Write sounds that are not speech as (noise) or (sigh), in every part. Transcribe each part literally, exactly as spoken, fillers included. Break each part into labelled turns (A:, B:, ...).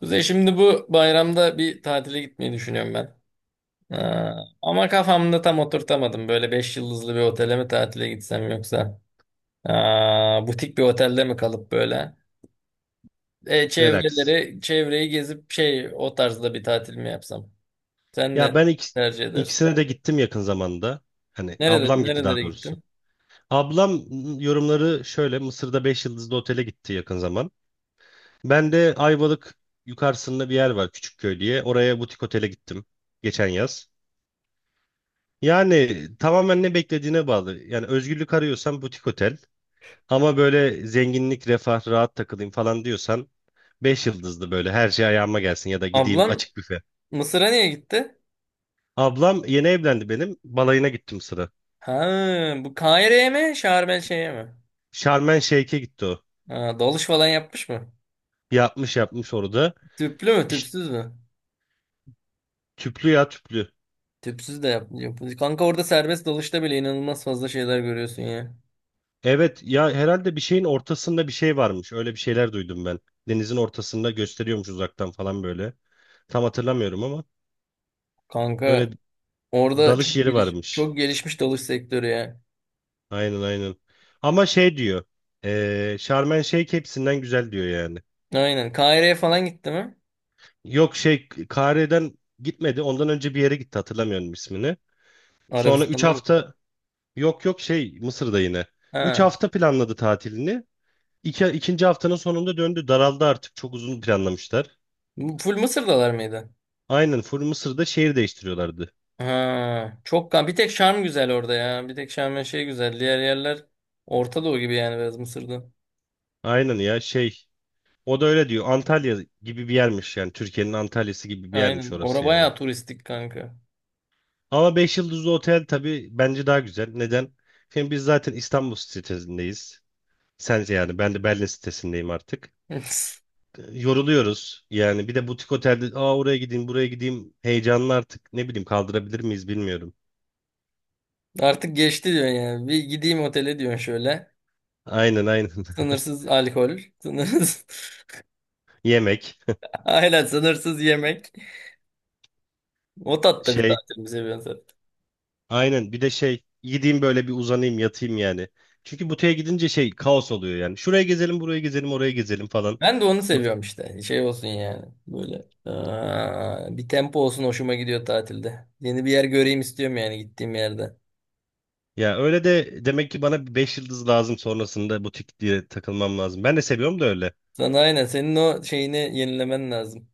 A: Kuzey şimdi bu bayramda bir tatile gitmeyi düşünüyorum ben. Ee, Ama kafamda tam oturtamadım. Böyle beş yıldızlı bir otele mi tatile gitsem yoksa aa, butik bir otelde mi kalıp böyle e,
B: Relax.
A: çevreleri çevreyi gezip şey o tarzda bir tatil mi yapsam? Sen
B: Ya
A: ne
B: ben ikis-
A: tercih edersin?
B: ikisine de gittim yakın zamanda. Hani
A: Nerede
B: ablam gitti, daha
A: nerelere
B: doğrusu.
A: gittin?
B: Ablam yorumları şöyle. Mısır'da beş yıldızlı otele gitti yakın zaman. Ben de Ayvalık yukarısında bir yer var, Küçükköy diye. Oraya butik otele gittim geçen yaz. Yani tamamen ne beklediğine bağlı. Yani özgürlük arıyorsan butik otel. Ama böyle zenginlik, refah, rahat takılayım falan diyorsan beş yıldızlı, böyle her şey ayağıma gelsin, ya da gideyim
A: Ablan
B: açık büfe.
A: Mısır'a niye gitti?
B: Ablam yeni evlendi benim. Balayına gittim sıra.
A: Ha, bu Kahire'ye mi? Şarm El Şeyh'e mi?
B: Şarm El Şeyh'e gitti o.
A: Ha, dalış falan yapmış mı?
B: Yapmış yapmış orada.
A: Tüplü mü,
B: İşte
A: tüpsüz mü?
B: tüplü ya, tüplü.
A: Tüpsüz de yap, yap- Kanka orada serbest dalışta bile inanılmaz fazla şeyler görüyorsun ya.
B: Evet ya, herhalde bir şeyin ortasında bir şey varmış. Öyle bir şeyler duydum ben. Denizin ortasında gösteriyormuş uzaktan falan böyle. Tam hatırlamıyorum ama öyle
A: Kanka orada çok
B: dalış yeri
A: geliş,
B: varmış.
A: çok gelişmiş dalış sektörü ya.
B: Aynen, aynen. Ama şey diyor. Eee Şarm El Şeyh hepsinden güzel diyor yani.
A: Aynen. Kahire'ye falan gitti mi?
B: Yok, şey, Kahire'den gitmedi. Ondan önce bir yere gitti, hatırlamıyorum ismini. Sonra üç
A: Arabistan'da mı?
B: hafta yok yok, şey, Mısır'da yine. Üç
A: Ha.
B: hafta planladı tatilini. İki, ikinci haftanın sonunda döndü. Daraldı artık. Çok uzun planlamışlar.
A: Bu full Mısır'dalar mıydı?
B: Aynen, full Mısır'da şehir değiştiriyorlardı.
A: Ha. Çok kan. Bir tek Şarm güzel orada ya. Bir tek Şarm ve şey güzel. Diğer yerler Orta Doğu gibi yani biraz Mısır'da.
B: Aynen ya, şey. O da öyle diyor. Antalya gibi bir yermiş yani. Türkiye'nin Antalya'sı gibi bir yermiş
A: Aynen. Orada
B: orası yani.
A: bayağı turistik kanka.
B: Ama beş yıldızlı otel tabii bence daha güzel. Neden? Şimdi biz zaten İstanbul sitesindeyiz. Sence yani, ben de Berlin sitesindeyim artık.
A: (laughs)
B: Yoruluyoruz. Yani bir de butik otelde, aa oraya gideyim buraya gideyim, heyecanlı artık, ne bileyim, kaldırabilir miyiz bilmiyorum.
A: Artık geçti diyor yani. Bir gideyim otele diyorsun şöyle.
B: Aynen, aynen. (laughs)
A: Sınırsız alkol. Sınırsız. (laughs)
B: Yemek,
A: Aynen sınırsız yemek. O tatta bir
B: şey.
A: tatil mi seviyorsun sen?
B: Aynen, bir de şey, gideyim böyle, bir uzanayım yatayım yani. Çünkü buteye gidince şey, kaos oluyor yani. Şuraya gezelim, buraya gezelim, oraya gezelim falan.
A: Ben de onu seviyorum işte. Şey olsun yani. Böyle. Aa, bir tempo olsun hoşuma gidiyor tatilde. Yeni bir yer göreyim istiyorum yani gittiğim yerde.
B: Ya öyle de demek ki bana beş yıldız lazım, sonrasında butik diye takılmam lazım. Ben de seviyorum da öyle.
A: Sana aynen senin o şeyini yenilemen lazım.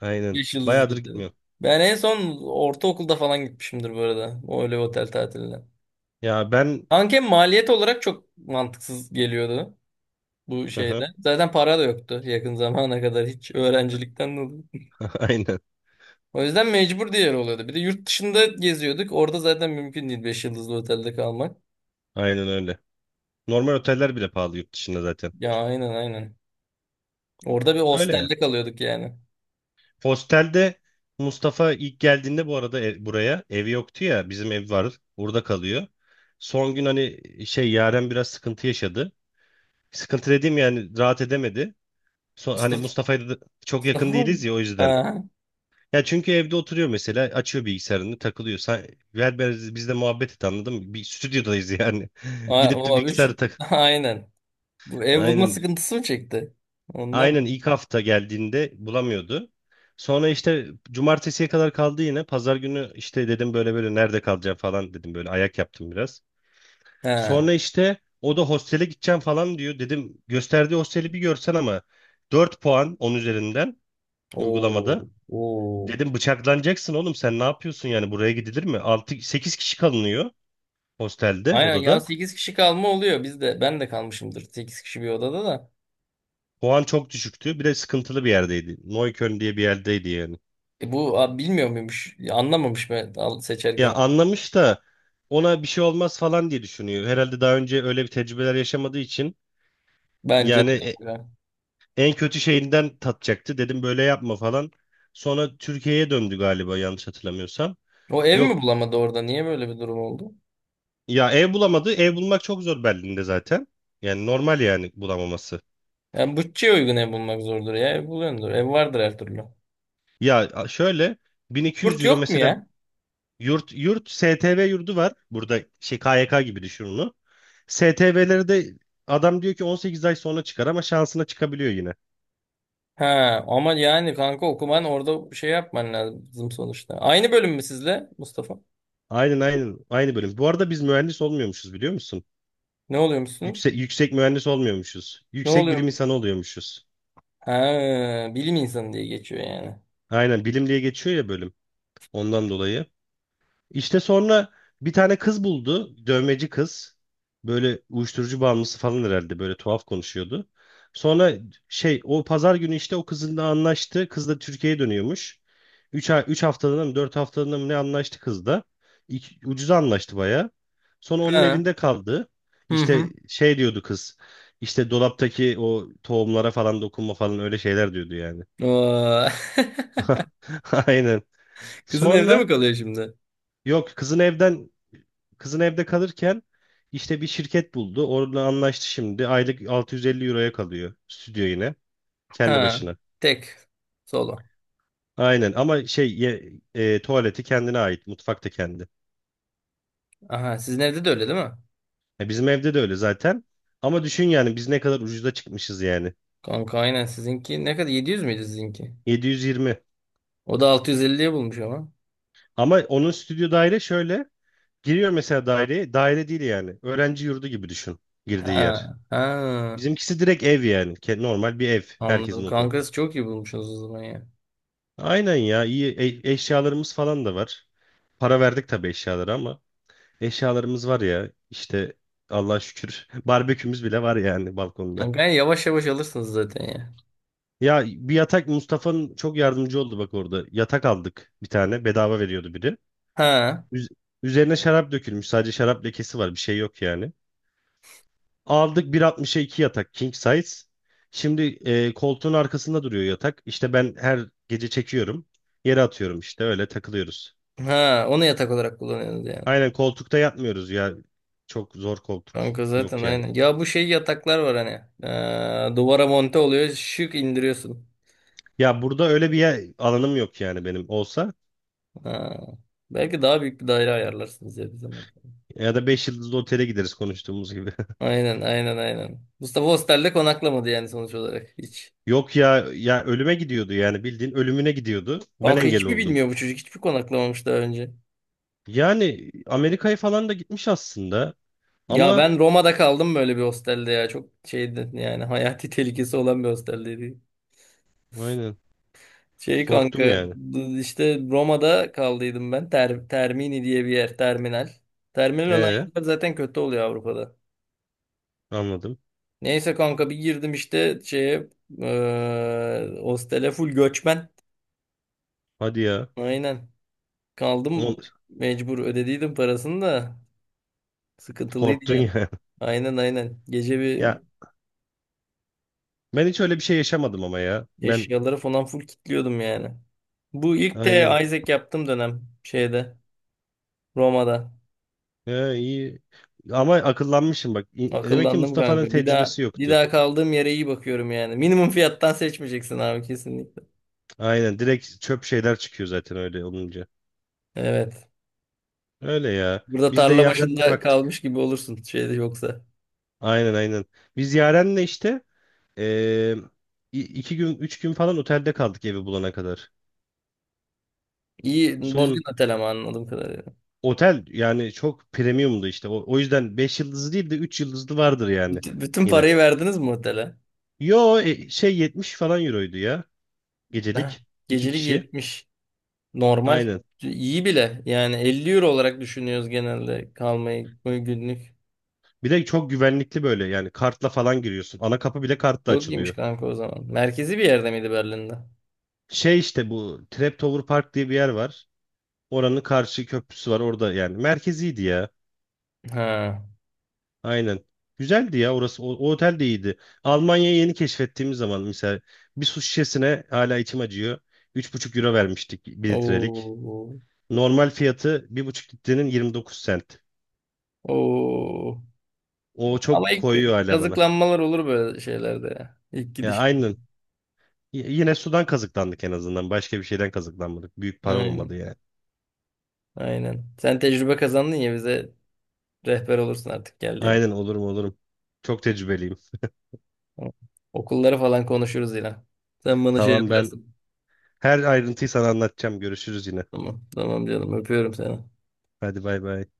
B: Aynen.
A: Beş yıldızlı
B: Bayağıdır
A: otel.
B: gitmiyorum.
A: Ben en son ortaokulda falan gitmişimdir bu arada. O öyle bir otel tatiline.
B: Ya ben.
A: Anken maliyet olarak çok mantıksız geliyordu bu
B: Hı
A: şeyde.
B: hı.
A: Zaten para da yoktu yakın zamana kadar hiç öğrencilikten dolayı.
B: (laughs) Aynen,
A: O yüzden mecbur diğer oluyordu. Bir de yurt dışında geziyorduk. Orada zaten mümkün değil beş yıldızlı otelde kalmak.
B: aynen öyle. Normal oteller bile pahalı yurt dışında zaten.
A: Ya, aynen aynen. Orada bir
B: Öyle ya.
A: hostelde kalıyorduk yani.
B: Hostelde. Mustafa ilk geldiğinde bu arada ev- buraya evi yoktu ya, bizim ev var, burada kalıyor. Son gün, hani şey, Yaren biraz sıkıntı yaşadı. Sıkıntı dediğim yani, rahat edemedi.
A: (laughs)
B: Son, hani
A: Mustafa,
B: Mustafa'ya da çok
A: Mustafa
B: yakın değiliz
A: mı?
B: ya, o yüzden.
A: Ha.
B: Ya çünkü evde oturuyor mesela, açıyor bilgisayarını, takılıyor. Sen, ver, biz, biz muhabbet et, anladın mı? Bir stüdyodayız yani. (laughs)
A: A-
B: Gidip de
A: o üç.
B: bilgisayarı tak.
A: (laughs) Aynen. Bu ev bulma
B: Aynen.
A: sıkıntısı mı çekti? Ondan mı?
B: Aynen ilk hafta geldiğinde bulamıyordu. Sonra işte cumartesiye kadar kaldı yine. Pazar günü işte dedim böyle böyle, nerede kalacağım falan dedim, böyle ayak yaptım biraz.
A: Ha.
B: Sonra işte o da hostele gideceğim falan diyor. Dedim gösterdiği hosteli bir görsen ama, dört puan on üzerinden
A: Oo.
B: uygulamada.
A: Oo.
B: Dedim bıçaklanacaksın oğlum, sen ne yapıyorsun yani, buraya gidilir mi? Altı sekiz kişi kalınıyor hostelde,
A: Aynen ya,
B: odada.
A: sekiz kişi kalma oluyor. Biz de ben de kalmışımdır sekiz kişi bir odada da.
B: Puan çok düşüktü. Bir de sıkıntılı bir yerdeydi. Neukölln diye bir yerdeydi yani.
A: E bu abi, bilmiyor muymuş? Ya, anlamamış mı al-
B: Ya
A: seçerken?
B: anlamış da ona bir şey olmaz falan diye düşünüyor. Herhalde daha önce öyle bir tecrübeler yaşamadığı için
A: Bence de
B: yani, e-
A: kanka.
B: en kötü şeyinden tatacaktı. Dedim böyle yapma falan. Sonra Türkiye'ye döndü galiba, yanlış hatırlamıyorsam.
A: O ev
B: Yok
A: mi bulamadı orada? Niye böyle bir durum oldu?
B: ya, ev bulamadı. Ev bulmak çok zor Berlin'de zaten. Yani normal, yani bulamaması.
A: Yani bütçeye uygun ev bulmak zordur ya. Ev buluyordur. Ev vardır her türlü.
B: Ya a- şöyle, 1200
A: Yurt
B: euro
A: yok mu
B: mesela.
A: ya?
B: Yurt yurt, S T V yurdu var. Burada şey, K Y K gibi düşün onu. S T V'leri de adam diyor ki 18 ay sonra çıkar, ama şansına çıkabiliyor yine.
A: Ha, ama yani kanka okuman orada bir şey yapman lazım sonuçta. Aynı bölüm mü sizle Mustafa?
B: Aynen, aynen. Aynı bölüm. Bu arada biz mühendis olmuyormuşuz, biliyor musun?
A: Ne oluyor musunuz
B: Yüksek, yüksek mühendis olmuyormuşuz.
A: Ne
B: Yüksek bilim
A: oluyor?
B: insanı oluyormuşuz.
A: Ha, bilim insanı diye geçiyor yani.
B: Aynen, bilim diye geçiyor ya bölüm. Ondan dolayı. İşte sonra bir tane kız buldu. Dövmeci kız. Böyle uyuşturucu bağımlısı falan herhalde. Böyle tuhaf konuşuyordu. Sonra şey, o pazar günü işte o kızınla anlaştı. Kız da Türkiye'ye dönüyormuş. Üç ay, üç haftalığına mı, dört haftalığına mı, ne anlaştı kız da. İki- ucuza anlaştı baya. Sonra onun
A: Ha.
B: evinde kaldı.
A: Hı hı.
B: İşte şey diyordu kız. İşte dolaptaki o tohumlara falan dokunma falan, öyle şeyler diyordu yani.
A: Oo.
B: (laughs) Aynen.
A: (laughs) Kızın evde
B: Sonra
A: mi kalıyor şimdi?
B: yok. kızın evden Kızın evde kalırken işte bir şirket buldu. Orada anlaştı şimdi. Aylık altı yüz elli euroya kalıyor stüdyo yine. Kendi
A: Ha.
B: başına.
A: Tek. Solo.
B: Aynen, ama şey, ye- e, tuvaleti kendine ait. Mutfak da kendi.
A: Aha, sizin evde de öyle değil mi?
B: E, bizim evde de öyle zaten. Ama düşün yani, biz ne kadar ucuza çıkmışız yani.
A: Kanka aynen sizinki ne kadar, yedi yüz müydü sizinki?
B: yedi yüz yirmi.
A: O da altı yüz elliye bulmuş ama.
B: Ama onun stüdyo daire şöyle. Giriyor mesela daireye. Daire değil yani. Öğrenci yurdu gibi düşün girdiği yer.
A: Ha. Ha.
B: Bizimkisi direkt ev yani. Ke- Normal bir ev. Herkesin
A: Anladım.
B: oturduğu.
A: Kankası çok iyi bulmuşsunuz o zaman ya.
B: Aynen ya, iyi, e- eşyalarımız falan da var. Para verdik tabii eşyalara ama eşyalarımız var ya işte, Allah'a şükür, (laughs) barbekümüz bile var yani balkonda.
A: Kankayı yavaş yavaş alırsınız zaten ya.
B: Ya bir yatak, Mustafa'nın çok yardımcı oldu bak orada. Yatak aldık, bir tane bedava veriyordu biri.
A: Ha.
B: Üz- üzerine şarap dökülmüş, sadece şarap lekesi var, bir şey yok yani. Aldık bir altmışa iki yatak king size. Şimdi e, koltuğun arkasında duruyor yatak. İşte ben her gece çekiyorum. Yere atıyorum, işte öyle takılıyoruz.
A: Ha. Onu yatak olarak kullanıyorsunuz yani.
B: Aynen, koltukta yatmıyoruz ya. Çok zor koltuk.
A: Kanka zaten
B: Yok yani.
A: aynen. Ya bu şey yataklar var hani. Ee, duvara monte oluyor. Şık indiriyorsun.
B: Ya burada öyle bir yer, alanım yok yani, benim olsa.
A: Ha. Belki daha büyük bir daire ayarlarsınız ya bir zaman.
B: Ya da beş yıldızlı otele gideriz, konuştuğumuz gibi.
A: Aynen aynen aynen. Mustafa hostelde konaklamadı yani sonuç olarak hiç.
B: (laughs) Yok ya, ya ölüme gidiyordu yani, bildiğin ölümüne gidiyordu. Ben
A: Kanka
B: engel
A: hiçbir
B: oldum.
A: bilmiyor bu çocuk. Hiçbir konaklamamış daha önce.
B: Yani Amerika'ya falan da gitmiş aslında.
A: Ya
B: Ama
A: ben Roma'da kaldım böyle bir hostelde ya. Çok şeydi yani, (laughs) hayati tehlikesi olan bir hosteldeydi.
B: aynen,
A: Şey
B: korktum
A: kanka
B: yani.
A: işte Roma'da kaldıydım ben. Ter, Termini diye bir yer terminal. Terminal olan
B: E,
A: yerler zaten kötü oluyor Avrupa'da.
B: anladım.
A: Neyse kanka bir girdim işte şeye, eee hostele full göçmen.
B: Hadi ya.
A: Aynen.
B: O-
A: Kaldım mecbur, ödediydim parasını da sıkıntılıydı
B: Korktun
A: yani.
B: ya. (laughs)
A: Aynen aynen. Gece bir
B: Ya ben hiç öyle bir şey yaşamadım ama ya. Ben
A: eşyaları falan full kilitliyordum yani. Bu ilk de
B: aynen.
A: Isaac yaptığım dönem şeyde Roma'da.
B: Ee, iyi. Ama akıllanmışım bak. İ- Demek ki
A: Akıllandım
B: Mustafa'nın
A: kanka. Bir daha
B: tecrübesi
A: bir
B: yoktu.
A: daha kaldığım yere iyi bakıyorum yani. Minimum fiyattan seçmeyeceksin abi kesinlikle.
B: Aynen, direkt çöp şeyler çıkıyor zaten öyle olunca.
A: Evet.
B: Öyle ya.
A: Burada
B: Biz de
A: tarla
B: Yaren'le
A: başında
B: baktık.
A: kalmış gibi olursun şeyde yoksa.
B: Aynen, aynen. Biz Yaren'le işte, eee, i- iki gün üç gün falan otelde kaldık, evi bulana kadar.
A: İyi
B: Son
A: düzgün otel ama anladığım kadarıyla.
B: otel yani çok premiumdu işte. O, o yüzden beş yıldızlı değil de üç yıldızlı vardır yani
A: Bütün, bütün
B: yine.
A: parayı verdiniz mi otele?
B: Yo, e, şey, yetmiş falan euroydu ya,
A: Heh,
B: gecelik iki
A: gecelik
B: kişi.
A: yetmiş. Normal.
B: Aynen.
A: İyi bile. Yani elli euro olarak düşünüyoruz genelde kalmayı günlük.
B: Bir de çok güvenlikli böyle yani, kartla falan giriyorsun. Ana kapı bile kartla
A: Yok iyiymiş
B: açılıyor.
A: kanka o zaman. Merkezi bir yerde miydi Berlin'de?
B: Şey, işte bu Traptower Park diye bir yer var. Oranın karşı köprüsü var orada yani. Merkeziydi ya.
A: Ha.
B: Aynen. Güzeldi ya orası. O, o otel de iyiydi. Almanya'yı yeni keşfettiğimiz zaman mesela, bir su şişesine hala içim acıyor. Üç buçuk euro vermiştik bir litrelik.
A: Oo.
B: Normal fiyatı bir buçuk litrenin yirmi dokuz sent.
A: Oo.
B: O
A: Ama
B: çok
A: ilk
B: koyuyor hala bana.
A: kazıklanmalar olur böyle şeylerde ya. İlk
B: Ya
A: gidişte.
B: aynen. Y- Yine sudan kazıklandık en azından. Başka bir şeyden kazıklanmadık. Büyük para olmadı
A: Aynen.
B: yani.
A: Aynen. Sen tecrübe kazandın ya, bize rehber olursun artık geldiğim.
B: Aynen, olurum olurum. Çok tecrübeliyim.
A: Tamam. Okulları falan konuşuruz yine. Sen bana şey
B: Tamam, ben
A: yaparsın.
B: her ayrıntıyı sana anlatacağım. Görüşürüz yine.
A: Tamam. Tamam canım, öpüyorum seni.
B: Hadi bay bay.